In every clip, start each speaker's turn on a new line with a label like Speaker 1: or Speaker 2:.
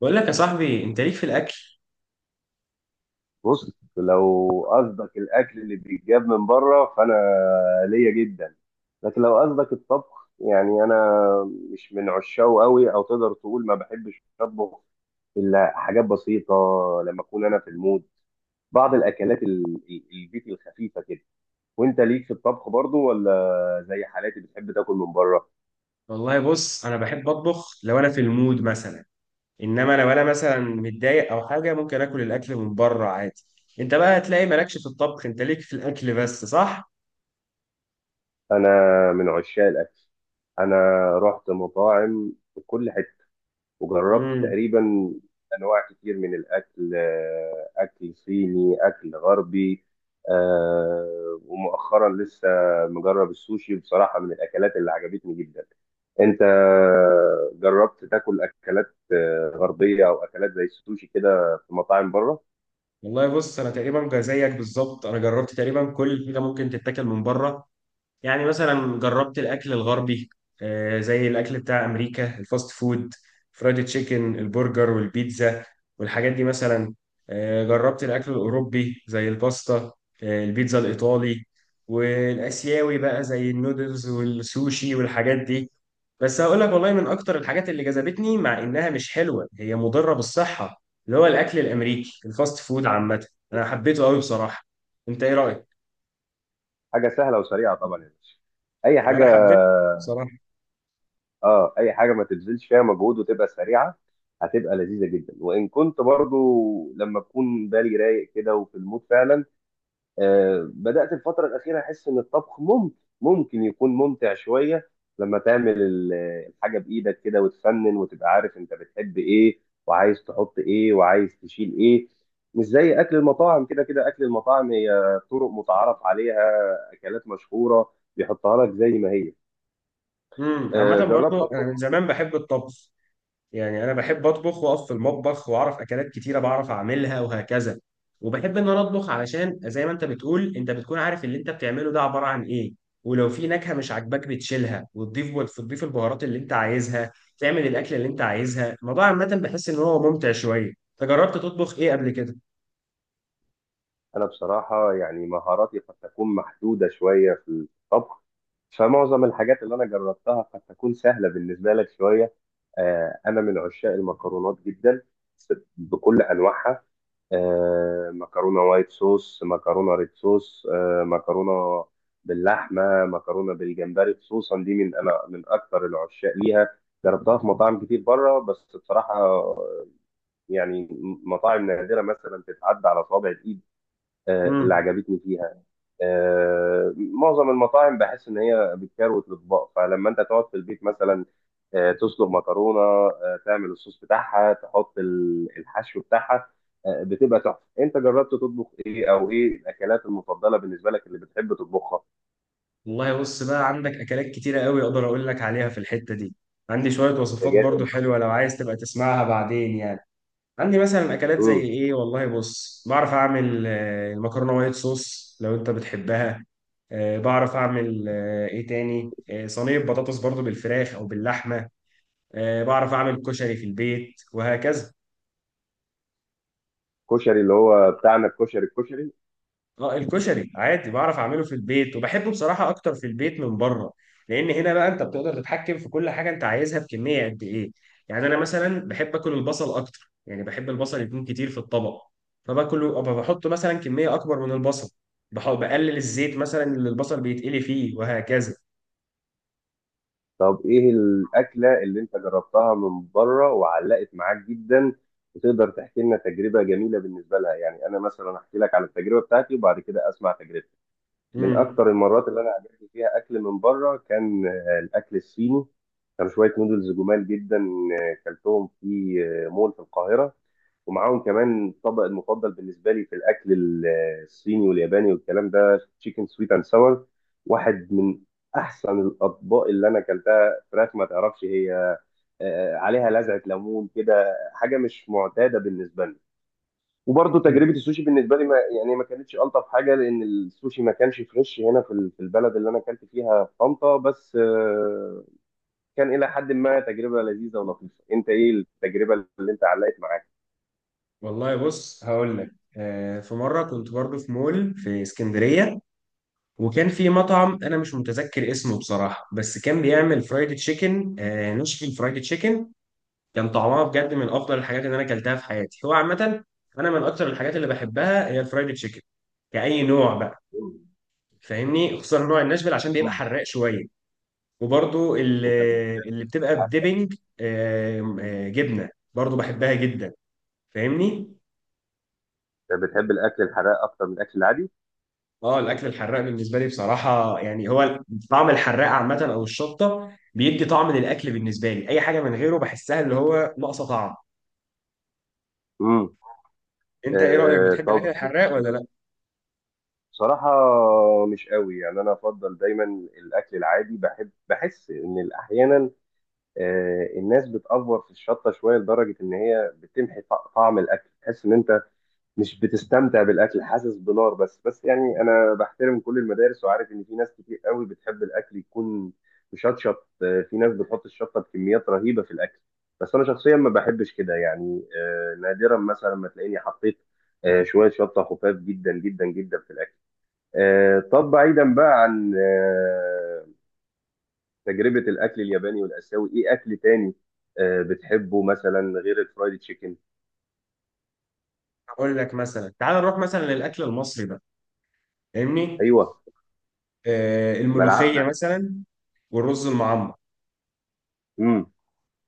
Speaker 1: بقول لك يا صاحبي، انت ليك في الاكل.
Speaker 2: بص. لو قصدك الاكل اللي بيتجاب من بره فانا ليا جدا. لكن لو قصدك الطبخ، يعني انا مش من عشاقه قوي، او تقدر تقول ما بحبش اطبخ الا حاجات بسيطه لما اكون انا في المود. بعض الاكلات البيتي الخفيفه كده. وانت ليك في الطبخ برضو ولا زي حالاتي بتحب تاكل من بره؟
Speaker 1: والله بص، انا بحب اطبخ لو انا في المود مثلا. انما لو انا مثلا متضايق او حاجه، ممكن اكل الاكل من بره عادي. انت بقى هتلاقي مالكش في الطبخ، انت ليك في الاكل بس، صح؟
Speaker 2: انا من عشاق الاكل. انا رحت مطاعم في كل حته وجربت
Speaker 1: امم
Speaker 2: تقريبا انواع كتير من الاكل. اكل صيني، اكل غربي. ومؤخرا لسه مجرب السوشي، بصراحه من الاكلات اللي عجبتني جدا. انت جربت تاكل اكلات غربيه او اكلات زي السوشي كده في مطاعم بره؟
Speaker 1: والله بص، انا تقريبا زيك بالظبط. انا جربت تقريبا كل حاجه ممكن تتاكل من بره. يعني مثلا جربت الاكل الغربي، زي الاكل بتاع امريكا الفاست فود، فرايد تشيكن، البرجر والبيتزا والحاجات دي مثلا. جربت الاكل الاوروبي زي الباستا، البيتزا الايطالي، والاسيوي بقى زي النودلز والسوشي والحاجات دي. بس هقول لك والله، من اكتر الحاجات اللي جذبتني، مع انها مش حلوه هي مضره بالصحه، اللي هو الاكل الامريكي الفاست فود عامه. انا حبيته قوي بصراحه. انت ايه رايك؟
Speaker 2: حاجه سهله وسريعه طبعا يا باشا، اي حاجه.
Speaker 1: وانا حبيت بصراحه.
Speaker 2: اه اي حاجه ما تبذلش فيها مجهود وتبقى سريعه هتبقى لذيذه جدا. وان كنت برضو لما بكون بالي رايق كده وفي المود فعلا، بدات الفتره الاخيره احس ان الطبخ ممكن يكون ممتع شويه لما تعمل الحاجه بايدك كده وتفنن وتبقى عارف انت بتحب ايه وعايز تحط ايه وعايز تشيل ايه. مش زي اكل المطاعم كده. كده اكل المطاعم هي طرق متعارف عليها، اكلات مشهوره بيحطها لك زي ما هي.
Speaker 1: عامة
Speaker 2: جربت
Speaker 1: برضو أنا من
Speaker 2: اطبخ.
Speaker 1: زمان بحب الطبخ. يعني أنا بحب أطبخ وأقف في المطبخ، وأعرف أكلات كتيرة بعرف أعملها وهكذا. وبحب إن أنا أطبخ علشان زي ما أنت بتقول، أنت بتكون عارف اللي أنت بتعمله ده عبارة عن إيه. ولو في نكهة مش عاجباك بتشيلها، وتضيف وتضيف البهارات اللي أنت عايزها، تعمل الأكلة اللي أنت عايزها. الموضوع عامة بحس إن هو ممتع شوية. أنت جربت تطبخ إيه قبل كده؟
Speaker 2: انا بصراحه يعني مهاراتي قد تكون محدوده شويه في الطبخ، فمعظم الحاجات اللي انا جربتها قد تكون سهله بالنسبه لك شويه. انا من عشاق المكرونات جدا بكل انواعها. مكرونه وايت صوص، مكرونه ريد صوص، مكرونه باللحمه، مكرونه بالجمبري خصوصا دي. انا من اكثر العشاق ليها. جربتها في مطاعم كتير بره، بس بصراحه يعني مطاعم نادره مثلا تتعدى على صوابع الايد اللي
Speaker 1: امم
Speaker 2: عجبتني فيها. معظم المطاعم بحس ان هي بتكروت الاطباق، فلما انت تقعد في البيت مثلا تسلق مكرونه، تعمل الصوص بتاعها، تحط الحشو بتاعها، بتبقى تحفه. انت جربت تطبخ ايه او ايه الاكلات المفضله بالنسبه لك اللي بتحب تطبخها؟
Speaker 1: والله بص، بقى عندك أكلات كتيرة قوي أقدر أقول لك عليها في الحتة دي. عندي شوية
Speaker 2: يا
Speaker 1: وصفات برضو
Speaker 2: جامد.
Speaker 1: حلوة لو عايز تبقى تسمعها بعدين يعني. عندي مثلا اكلات زي
Speaker 2: مم.
Speaker 1: ايه، والله بص بعرف اعمل المكرونه وايت صوص لو انت بتحبها. بعرف اعمل آه، ايه تاني آه، صينيه بطاطس برضو بالفراخ او باللحمه. بعرف اعمل كشري في البيت وهكذا.
Speaker 2: كشري اللي هو بتاعنا، الكشري، الكشري.
Speaker 1: اه الكشري عادي بعرف اعمله في البيت، وبحبه بصراحه اكتر في البيت من بره. لان هنا بقى انت بتقدر تتحكم في كل حاجه انت عايزها بكميه قد ايه. يعني انا مثلا بحب اكل البصل اكتر، يعني بحب البصل يكون كتير في الطبق، فباكله أبقى بحط مثلا كميه اكبر من البصل. بقلل الزيت مثلا اللي البصل بيتقلي فيه وهكذا.
Speaker 2: طب ايه الاكله اللي انت جربتها من بره وعلقت معاك جدا وتقدر تحكي لنا تجربه جميله بالنسبه لها؟ يعني انا مثلا احكي لك على التجربه بتاعتي، وبعد كده اسمع تجربتك. من
Speaker 1: امم
Speaker 2: اكتر المرات اللي انا عجبني فيها اكل من بره كان الاكل الصيني. كانوا شويه نودلز جمال جدا، كلتهم في مول في القاهره، ومعاهم كمان الطبق المفضل بالنسبه لي في الاكل الصيني والياباني والكلام ده، تشيكن سويت اند ساور. واحد من احسن الاطباق اللي انا اكلتها. فراخ ما تعرفش هي، عليها لذعه ليمون كده، حاجه مش معتاده بالنسبه لي. وبرضه تجربه السوشي بالنسبه لي، ما كانتش الطف حاجه، لان السوشي ما كانش فريش هنا في في البلد اللي انا اكلت فيها في طنطا، بس كان الى حد ما تجربه لذيذه ولطيفه. انت ايه التجربه اللي انت علقت معاك؟
Speaker 1: والله بص هقول لك، في مره كنت برضه في مول في اسكندريه، وكان في مطعم انا مش متذكر اسمه بصراحه، بس كان بيعمل فرايد تشيكن، آه نشفل فرايد تشيكن. كان طعمها بجد من افضل الحاجات اللي انا اكلتها في حياتي. هو عامه انا من اكتر الحاجات اللي بحبها هي الفرايد تشيكن، كأي نوع بقى،
Speaker 2: مم.
Speaker 1: فاهمني. خصوصا نوع الناشفيل عشان بيبقى
Speaker 2: مم.
Speaker 1: حراق شويه، وبرضو اللي,
Speaker 2: انت
Speaker 1: اللي بتبقى بديبنج جبنه برضو بحبها جدا، فاهمني.
Speaker 2: بتحب الاكل الحراق اكتر من الاكل العادي؟
Speaker 1: اه الاكل الحراق بالنسبه لي بصراحه يعني هو طعم الحراق عامه، او الشطه بيدي طعم للاكل بالنسبه لي. اي حاجه من غيره بحسها اللي هو ناقصه طعم.
Speaker 2: امم.
Speaker 1: انت ايه رايك، بتحب
Speaker 2: طب
Speaker 1: الاكل الحراق ولا لا؟
Speaker 2: بصراحه مش قوي، يعني انا افضل دايما الاكل العادي. بحس ان احيانا الناس بتأفور في الشطه شويه لدرجه ان هي بتمحي طعم الاكل، تحس ان انت مش بتستمتع بالاكل، حاسس بنار بس. يعني انا بحترم كل المدارس وعارف ان في ناس كتير قوي بتحب الاكل يكون مشطشط، في ناس بتحط الشطه بكميات رهيبه في الاكل. بس انا شخصيا ما بحبش كده، يعني نادرا مثلا ما تلاقيني حطيت شويه شطه خفاف جدا جدا جدا في الاكل. طب بعيدا بقى عن تجربه الاكل الياباني والاسيوي، ايه اكل تاني بتحبه مثلا غير الفرايد تشيكن؟
Speaker 1: اقول لك مثلا تعال نروح مثلا للاكل المصري بقى، فاهمني.
Speaker 2: ايوه.
Speaker 1: آه الملوخيه
Speaker 2: ملعقنا.
Speaker 1: مثلا، والرز المعمر،
Speaker 2: امم.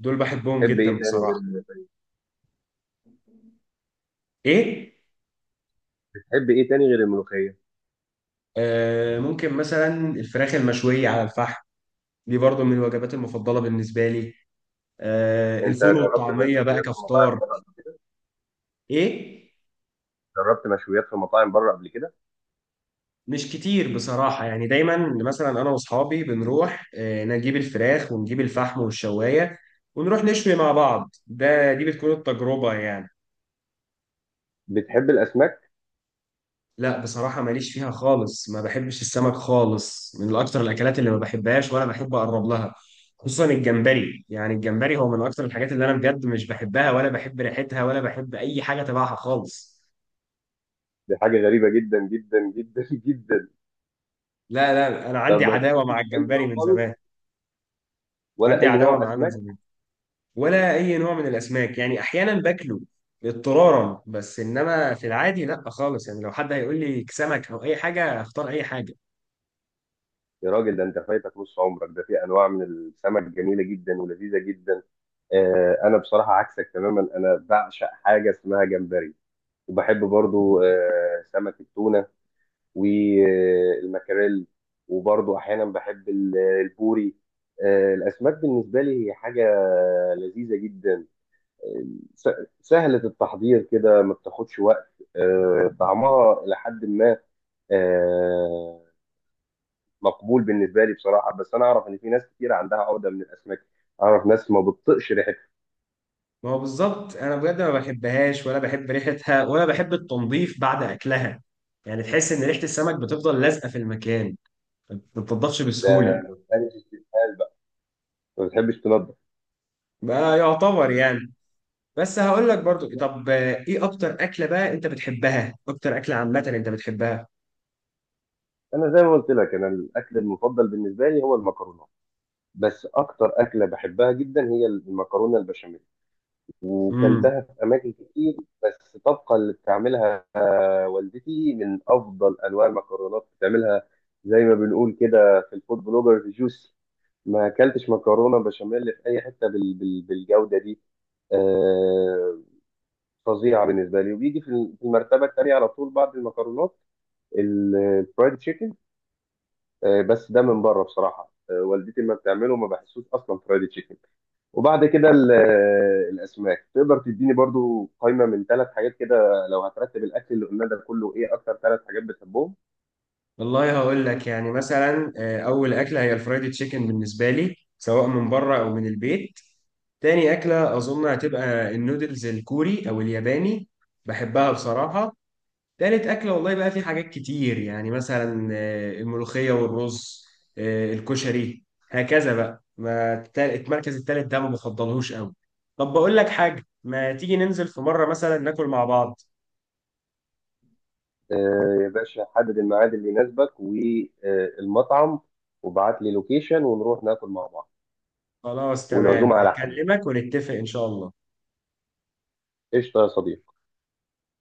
Speaker 1: دول بحبهم
Speaker 2: تحب
Speaker 1: جدا
Speaker 2: ايه تاني
Speaker 1: بصراحه.
Speaker 2: غير
Speaker 1: ايه؟
Speaker 2: تحب ايه تاني غير الملوخيه؟
Speaker 1: آه ممكن مثلا الفراخ المشويه على الفحم، دي برضو من الوجبات المفضله بالنسبه لي. آه
Speaker 2: انت
Speaker 1: الفول
Speaker 2: جربت
Speaker 1: والطعميه بقى
Speaker 2: مشويات في مطاعم
Speaker 1: كفطار.
Speaker 2: بره قبل كده
Speaker 1: ايه؟
Speaker 2: جربت مشويات في مطاعم بره قبل كده؟
Speaker 1: مش كتير بصراحة، يعني دايما مثلا أنا وأصحابي بنروح نجيب الفراخ ونجيب الفحم والشواية، ونروح نشوي مع بعض. ده دي بتكون التجربة يعني.
Speaker 2: بتحب الاسماك؟
Speaker 1: لا بصراحة ماليش فيها خالص، ما بحبش السمك خالص. من أكتر الأكلات اللي ما بحبهاش ولا بحب أقرب لها، خصوصا الجمبري. يعني الجمبري هو من أكتر الحاجات اللي أنا بجد مش بحبها، ولا بحب ريحتها، ولا بحب أي حاجة تبعها خالص.
Speaker 2: دي حاجه غريبه جدا جدا جدا جدا.
Speaker 1: لا لا، أنا عندي
Speaker 2: طب ما
Speaker 1: عداوة مع
Speaker 2: بتحبش اي
Speaker 1: الجمبري
Speaker 2: نوع
Speaker 1: من
Speaker 2: خالص
Speaker 1: زمان.
Speaker 2: ولا
Speaker 1: عندي
Speaker 2: اي
Speaker 1: عداوة
Speaker 2: نوع
Speaker 1: معاه من
Speaker 2: اسماك؟
Speaker 1: زمان. ولا اي نوع من الاسماك. يعني احيانا باكله اضطرارا، بس انما في العادي لا خالص. يعني لو حد هيقول لي سمك او اي حاجه، اختار اي حاجه.
Speaker 2: يا راجل، ده انت فايتك نص عمرك. ده في انواع من السمك جميله جدا ولذيذه جدا. انا بصراحه عكسك تماما، انا بعشق حاجه اسمها جمبري. وبحب برضو سمك التونه والمكاريل، وبرضو احيانا بحب البوري. الاسماك بالنسبه لي هي حاجه لذيذه جدا، آه، س- سهله التحضير كده، ما بتاخدش وقت، طعمها الى حد ما آه، مقبول بالنسبه لي بصراحه. بس انا اعرف ان في ناس كتير عندها عقده من الاسماك، اعرف ناس ما بتطقش ريحتها.
Speaker 1: ما هو بالظبط، انا بجد ما بحبهاش، ولا بحب ريحتها، ولا بحب التنظيف بعد اكلها. يعني تحس ان ريحه السمك بتفضل لازقه في المكان، ما بتنضفش
Speaker 2: ده
Speaker 1: بسهوله.
Speaker 2: ما بتحبش استسهال بقى، ما بتحبش تنضف.
Speaker 1: بقى يعتبر يعني. بس هقول لك برضو، طب ايه اكتر اكله بقى انت بتحبها، اكتر اكله عامه انت بتحبها؟
Speaker 2: انا زي ما قلت لك، انا الاكل المفضل بالنسبه لي هو المكرونه، بس اكتر اكله بحبها جدا هي المكرونه البشاميل، وكلتها في اماكن كتير، بس طبقا اللي بتعملها والدتي من افضل انواع المكرونات بتعملها. زي ما بنقول كده في الفود بلوجرز: جوسي. ما اكلتش مكرونه بشاميل في اي حته بالجوده دي. آه، فظيعه بالنسبه لي، وبيجي في في المرتبه الثانيه على طول بعد المكرونات الفرايد تشيكن. بس ده من بره بصراحه، والدتي لما بتعمله ما بحسوش اصلا فرايد تشيكن. وبعد كده الاسماك. تقدر تديني برضو قائمه من ثلاث حاجات كده لو هترتب الاكل اللي قلنا ده كله؟ ايه اكتر ثلاث حاجات بتحبهم؟
Speaker 1: والله هقول لك، يعني مثلا اول اكله هي الفرايدي تشيكن بالنسبه لي، سواء من بره او من البيت. تاني اكله اظن هتبقى النودلز الكوري او الياباني، بحبها بصراحه. تالت اكله والله بقى في حاجات كتير، يعني مثلا الملوخيه والرز، الكشري، هكذا بقى. ما التا- المركز التالت ده ما بفضلهوش قوي. طب بقول لك حاجه، ما تيجي ننزل في مره مثلا ناكل مع بعض؟
Speaker 2: يا باشا، حدد الميعاد اللي يناسبك والمطعم، وابعت لي لوكيشن ونروح ناكل مع بعض.
Speaker 1: خلاص تمام،
Speaker 2: والعزومه على حسابي.
Speaker 1: هكلمك ونتفق ان شاء الله.
Speaker 2: قشطه يا صديقي.